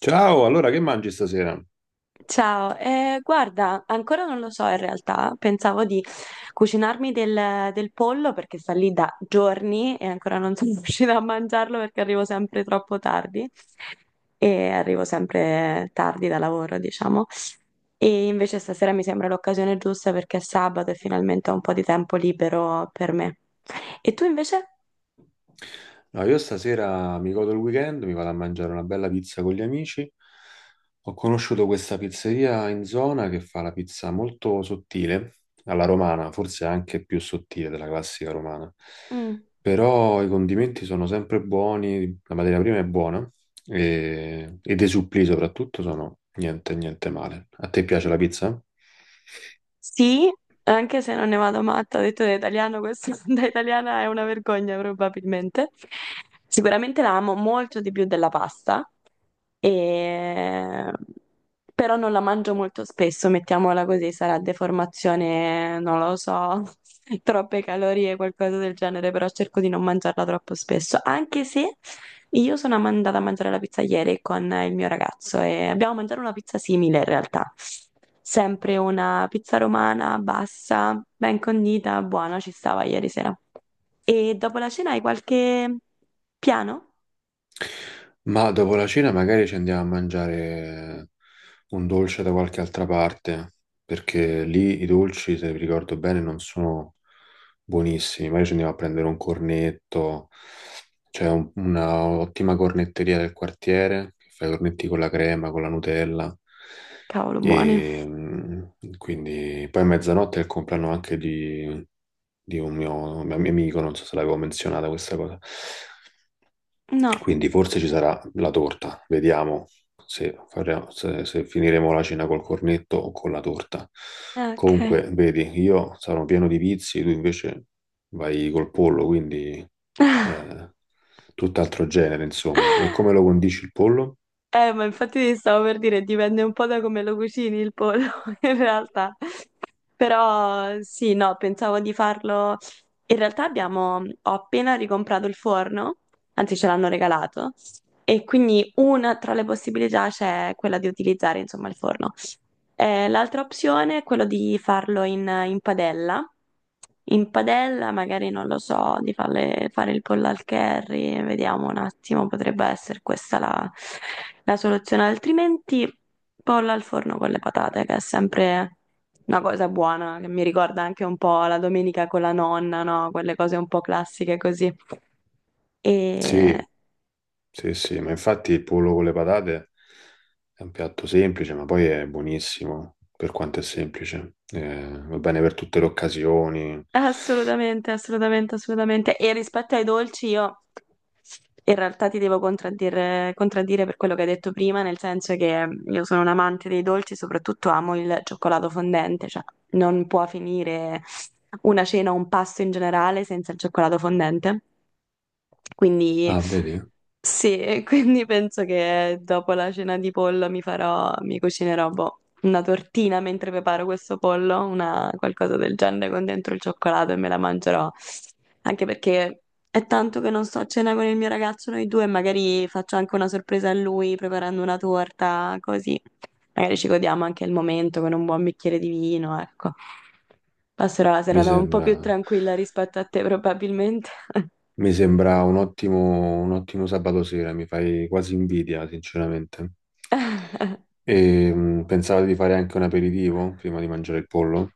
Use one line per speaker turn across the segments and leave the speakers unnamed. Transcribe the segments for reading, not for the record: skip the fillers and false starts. Ciao, allora che mangi stasera?
Ciao, guarda, ancora non lo so in realtà, pensavo di cucinarmi del pollo perché sta lì da giorni e ancora non sono riuscita a mangiarlo perché arrivo sempre troppo tardi e arrivo sempre tardi da lavoro, diciamo. E invece stasera mi sembra l'occasione giusta perché è sabato e finalmente ho un po' di tempo libero per me. E tu invece?
No, io stasera mi godo il weekend, mi vado a mangiare una bella pizza con gli amici. Ho conosciuto questa pizzeria in zona che fa la pizza molto sottile, alla romana, forse anche più sottile della classica romana.
Mm.
Però i condimenti sono sempre buoni, la materia prima è buona e dei supplì soprattutto sono niente, niente male. A te piace la pizza?
Sì, anche se non ne vado matta, ho detto da italiano, questo da italiana è una vergogna probabilmente. Sicuramente la amo molto di più della pasta, e- però non la mangio molto spesso, mettiamola così, sarà deformazione, non lo so, troppe calorie, qualcosa del genere, però cerco di non mangiarla troppo spesso, anche se io sono andata a mangiare la pizza ieri con il mio ragazzo e abbiamo mangiato una pizza simile in realtà, sempre una pizza romana bassa, ben condita, buona, ci stava ieri sera. E dopo la cena hai qualche piano?
Ma dopo la cena magari ci andiamo a mangiare un dolce da qualche altra parte, perché lì i dolci, se vi ricordo bene, non sono buonissimi. Magari ci andiamo a prendere un cornetto, c'è una ottima cornetteria del quartiere che fa i cornetti con la crema, con la Nutella.
Cavolo, buoni.
E quindi poi a mezzanotte è il compleanno anche di un mio amico, non so se l'avevo menzionata questa cosa.
No.
Quindi forse ci sarà la torta, vediamo se, faremo- se- se finiremo la cena col cornetto o con la torta.
Ok.
Comunque, vedi, io sarò pieno di vizi, tu invece vai col pollo, quindi eh, tutt'altro genere, insomma. E come lo condisci il pollo?
Ma infatti ti stavo per dire, dipende un po' da come lo cucini il pollo, in realtà. Però sì, no, pensavo di farlo. In realtà abbiamo, ho appena ricomprato il forno, anzi ce l'hanno regalato, e quindi una tra le possibilità c'è quella di utilizzare, insomma, il forno. L'altra opzione è quello di farlo in padella. In padella, magari non lo so, di fare il pollo al curry, vediamo un attimo, potrebbe essere questa la, la soluzione. Altrimenti, pollo al forno con le patate, che è sempre una cosa buona, che mi ricorda anche un po' la domenica con la nonna, no? Quelle cose un po' classiche così. E
Sì, sì, sì, ma infatti il pollo con le patate è un piatto semplice, ma poi è buonissimo per quanto è semplice. Va bene per tutte le occasioni.
assolutamente, assolutamente, assolutamente. E rispetto ai dolci, io in realtà ti devo contraddire per quello che hai detto prima, nel senso che io sono un amante dei dolci, soprattutto amo il cioccolato fondente, cioè non può finire una cena o un pasto in generale senza il cioccolato fondente. Quindi
Ah, vedi?
sì, e quindi penso che dopo la cena di pollo mi farò, mi cucinerò boh, una tortina mentre preparo questo pollo, una, qualcosa del genere con dentro il cioccolato e me la mangerò. Anche perché è tanto che non sto a cena con il mio ragazzo, noi due, magari faccio anche una sorpresa a lui preparando una torta, così. Magari ci godiamo anche il momento con un buon bicchiere di vino, ecco. Passerò la
Mi
serata un po' più
sembra,
tranquilla rispetto a te, probabilmente.
Mi sembra un un ottimo sabato sera, mi fai quasi invidia, sinceramente. E, pensavo di fare anche un aperitivo prima di mangiare il pollo?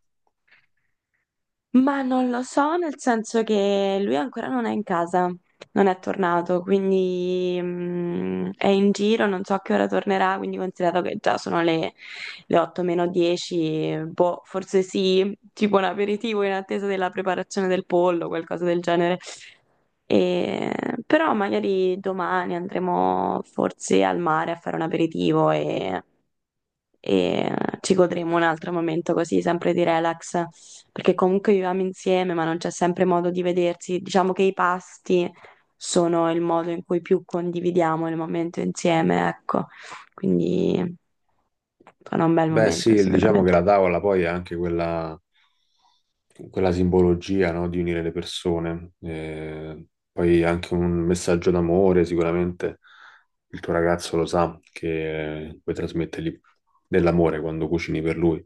Ma non lo so, nel senso che lui ancora non è in casa, non è tornato, quindi è in giro, non so a che ora tornerà, quindi considerato che già sono le 8 meno 10, boh, forse sì, tipo un aperitivo in attesa della preparazione del pollo, qualcosa del genere. E- però magari domani andremo forse al mare a fare un aperitivo e ci godremo un altro momento così, sempre di relax, perché comunque viviamo insieme, ma non c'è sempre modo di vedersi. Diciamo che i pasti sono il modo in cui più condividiamo il momento insieme, ecco. Quindi sarà un bel
Beh,
momento
sì, diciamo che la
sicuramente.
tavola poi è anche quella simbologia, no, di unire le persone. Poi anche un messaggio d'amore, sicuramente il tuo ragazzo lo sa che puoi trasmettergli dell'amore quando cucini per lui,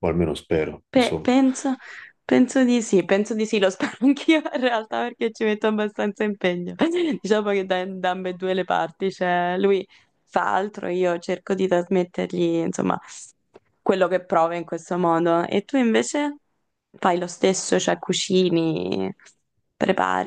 o almeno spero, insomma.
Penso, penso di sì, lo spero anch'io in realtà perché ci metto abbastanza impegno. Diciamo che da ambedue le parti, cioè lui fa altro, io cerco di trasmettergli, insomma, quello che prova in questo modo. E tu invece fai lo stesso, cioè cucini,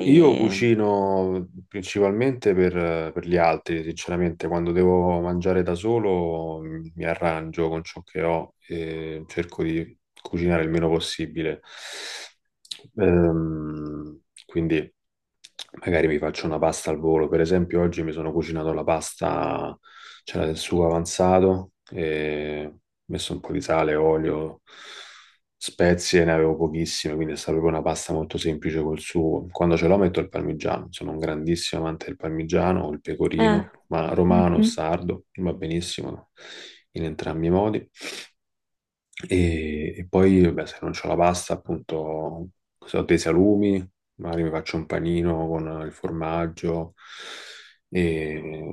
Io cucino principalmente per gli altri, sinceramente, quando devo mangiare da solo mi arrangio con ciò che ho e cerco di cucinare il meno possibile. Ehm, quindi magari mi faccio una pasta al volo, per esempio oggi mi sono cucinato la pasta, c'era del sugo avanzato, e ho messo un po' di sale, olio, spezie ne avevo pochissime, quindi è stata proprio una pasta molto semplice col sugo. Quando ce l'ho metto il parmigiano, sono un grandissimo amante del parmigiano o il
Eh,
pecorino, ma romano o
mhm,
sardo, va benissimo in entrambi i modi. E poi, beh, se non c'ho la pasta, appunto, se ho dei salumi, magari mi faccio un panino con il formaggio e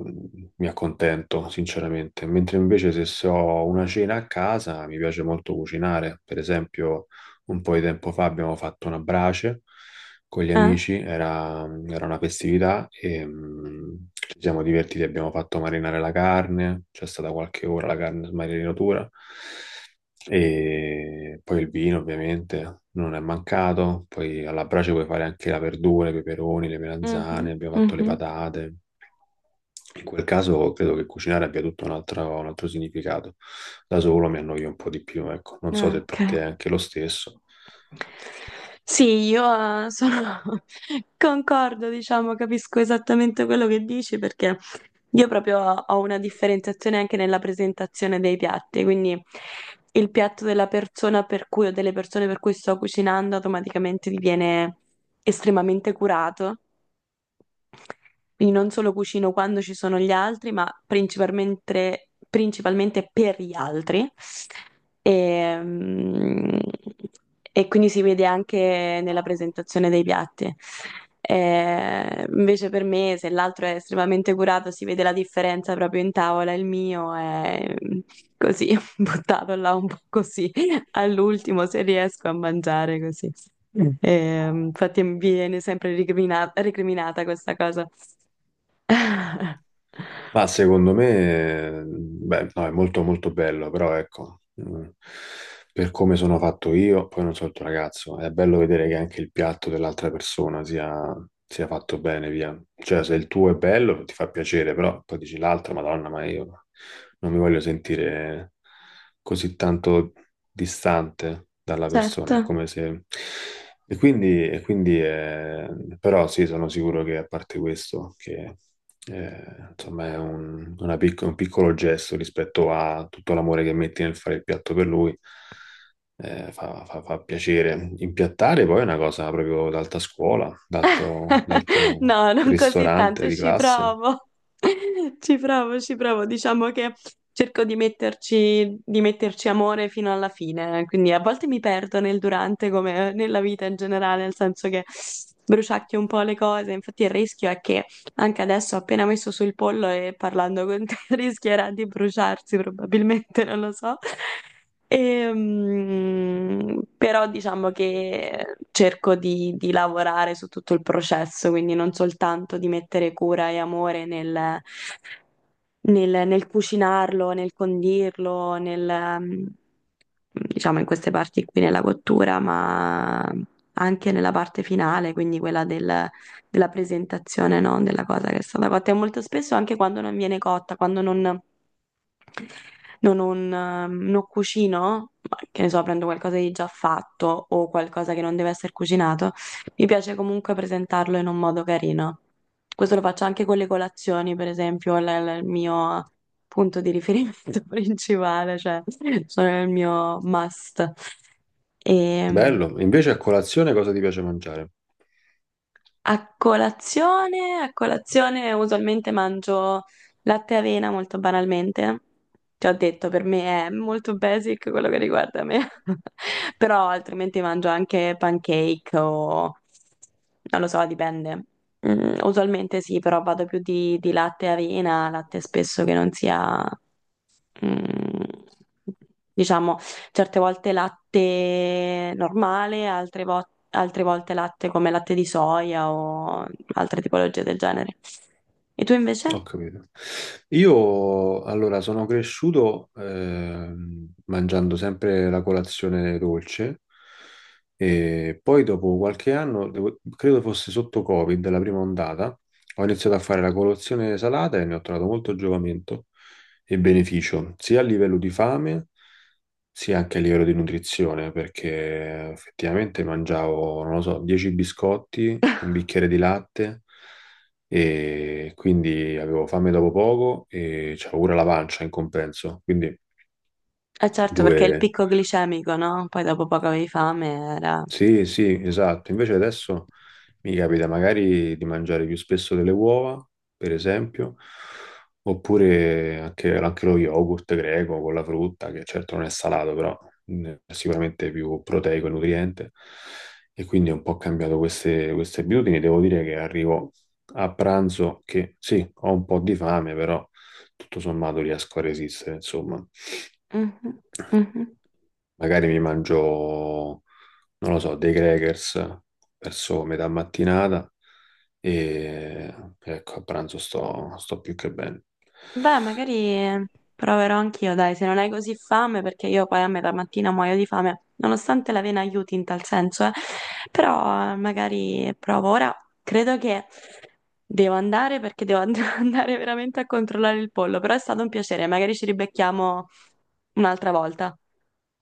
mi accontento, sinceramente. Mentre invece se ho una cena a casa, mi piace molto cucinare. Per esempio, un po' di tempo fa abbiamo fatto una brace con gli
eh,
amici, era una festività e ci siamo divertiti, abbiamo fatto marinare la carne, c'è stata qualche ora la carne in marinatura e poi il vino ovviamente non è mancato, poi alla brace puoi fare anche la verdura, i peperoni, le melanzane,
mhm,
abbiamo fatto le
mhm,
patate. In quel caso credo che cucinare abbia tutto un un altro significato. Da solo mi annoio un po' di più, ecco. Non so se
ok.
per te è anche lo stesso.
Sì, io sono... concordo, diciamo, capisco esattamente quello che dici perché io proprio ho una differenziazione anche nella presentazione dei piatti, quindi il piatto della persona per cui o delle persone per cui sto cucinando automaticamente diviene estremamente curato, quindi non solo cucino quando ci sono gli altri, ma principalmente, principalmente per gli altri. E, mm, e quindi si vede anche nella presentazione dei piatti. Invece per me, se l'altro è estremamente curato, si vede la differenza proprio in tavola. Il mio è così, buttato là un po' così all'ultimo se riesco a mangiare così. Mm. Infatti mi viene sempre recriminata questa cosa.
Ma secondo me, beh, no, è molto molto bello, però ecco, per come sono fatto io, poi non so il tuo ragazzo, è bello vedere che anche il piatto dell'altra persona sia fatto bene, via. Cioè, se il tuo è bello, ti fa piacere, però poi dici l'altro, Madonna, ma io non mi voglio sentire così tanto distante dalla
Certo.
persona, è come se... E quindi, e quindi eh, però sì, sono sicuro che a parte questo, che insomma, è un, una un piccolo gesto rispetto a tutto l'amore che metti nel fare il piatto per lui. Fa piacere. Impiattare poi è una cosa proprio d'alta scuola, d'alto
No, non così
ristorante
tanto,
di
ci
classe.
provo. Ci provo, ci provo. Diciamo che cerco di metterci amore fino alla fine, quindi a volte mi perdo nel durante come nella vita in generale, nel senso che bruciacchio un po' le cose. Infatti il rischio è che anche adesso, appena messo sul pollo e parlando con te, rischierà di bruciarsi probabilmente, non lo so. Però diciamo che cerco di lavorare su tutto il processo, quindi non soltanto di mettere cura e amore nel, nel cucinarlo, nel condirlo, diciamo in queste parti qui nella cottura, ma anche nella parte finale, quindi quella della presentazione, no? Della cosa che è stata cotta. E molto spesso anche quando non viene cotta, quando non cucino, ma che ne so, prendo qualcosa di già fatto o qualcosa che non deve essere cucinato, mi piace comunque presentarlo in un modo carino. Questo lo faccio anche con le colazioni, per esempio, è il mio punto di riferimento principale, cioè sono il mio must. E,
Bello. Invece a colazione cosa ti piace mangiare?
a colazione, a colazione usualmente mangio latte e avena molto banalmente. Ti ho detto, per me è molto basic quello che riguarda me. Però altrimenti mangio anche pancake o... non lo so, dipende. Mm, usualmente sì, però vado più di latte e avena, latte spesso che non sia... mm, diciamo, certe volte latte normale, altre volte, altre volte latte come latte di soia o altre tipologie del genere. E tu invece?
Ho capito. Io allora sono cresciuto mangiando sempre la colazione dolce e poi dopo qualche anno, credo fosse sotto Covid, la prima ondata, ho iniziato a fare la colazione salata e ne ho trovato molto giovamento e beneficio, sia a livello di fame sì, anche a livello di nutrizione, perché effettivamente mangiavo, non lo so, 10 biscotti, un bicchiere di latte e quindi avevo fame dopo poco e c'avevo pure la pancia in compenso. Quindi
Eh certo, perché il
due...
picco glicemico, no? Poi dopo poco avevi fame, era...
Sì, sì, esatto. Invece adesso mi capita magari di mangiare più spesso delle uova, per esempio, oppure anche lo yogurt greco con la frutta, che certo non è salato, però è sicuramente più proteico e nutriente. E quindi ho un po' cambiato queste abitudini. Devo dire che arrivo a pranzo che sì, ho un po' di fame, però tutto sommato riesco a resistere, insomma.
Mhm, mhm.
Magari mi mangio non lo so, dei crackers verso metà mattinata e ecco, a pranzo sto più che bene.
Beh, magari proverò anch'io, dai, se non hai così fame, perché io poi a metà mattina muoio di fame, nonostante l'avena aiuti in tal senso, eh. Però magari provo. Ora credo che devo andare perché devo andare veramente a controllare il pollo, però è stato un piacere, magari ci ribecchiamo un'altra volta.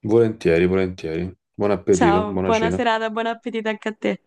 Volentieri, volentieri. Buon appetito,
Ciao,
buona
buona
cena.
serata, buon appetito anche a te.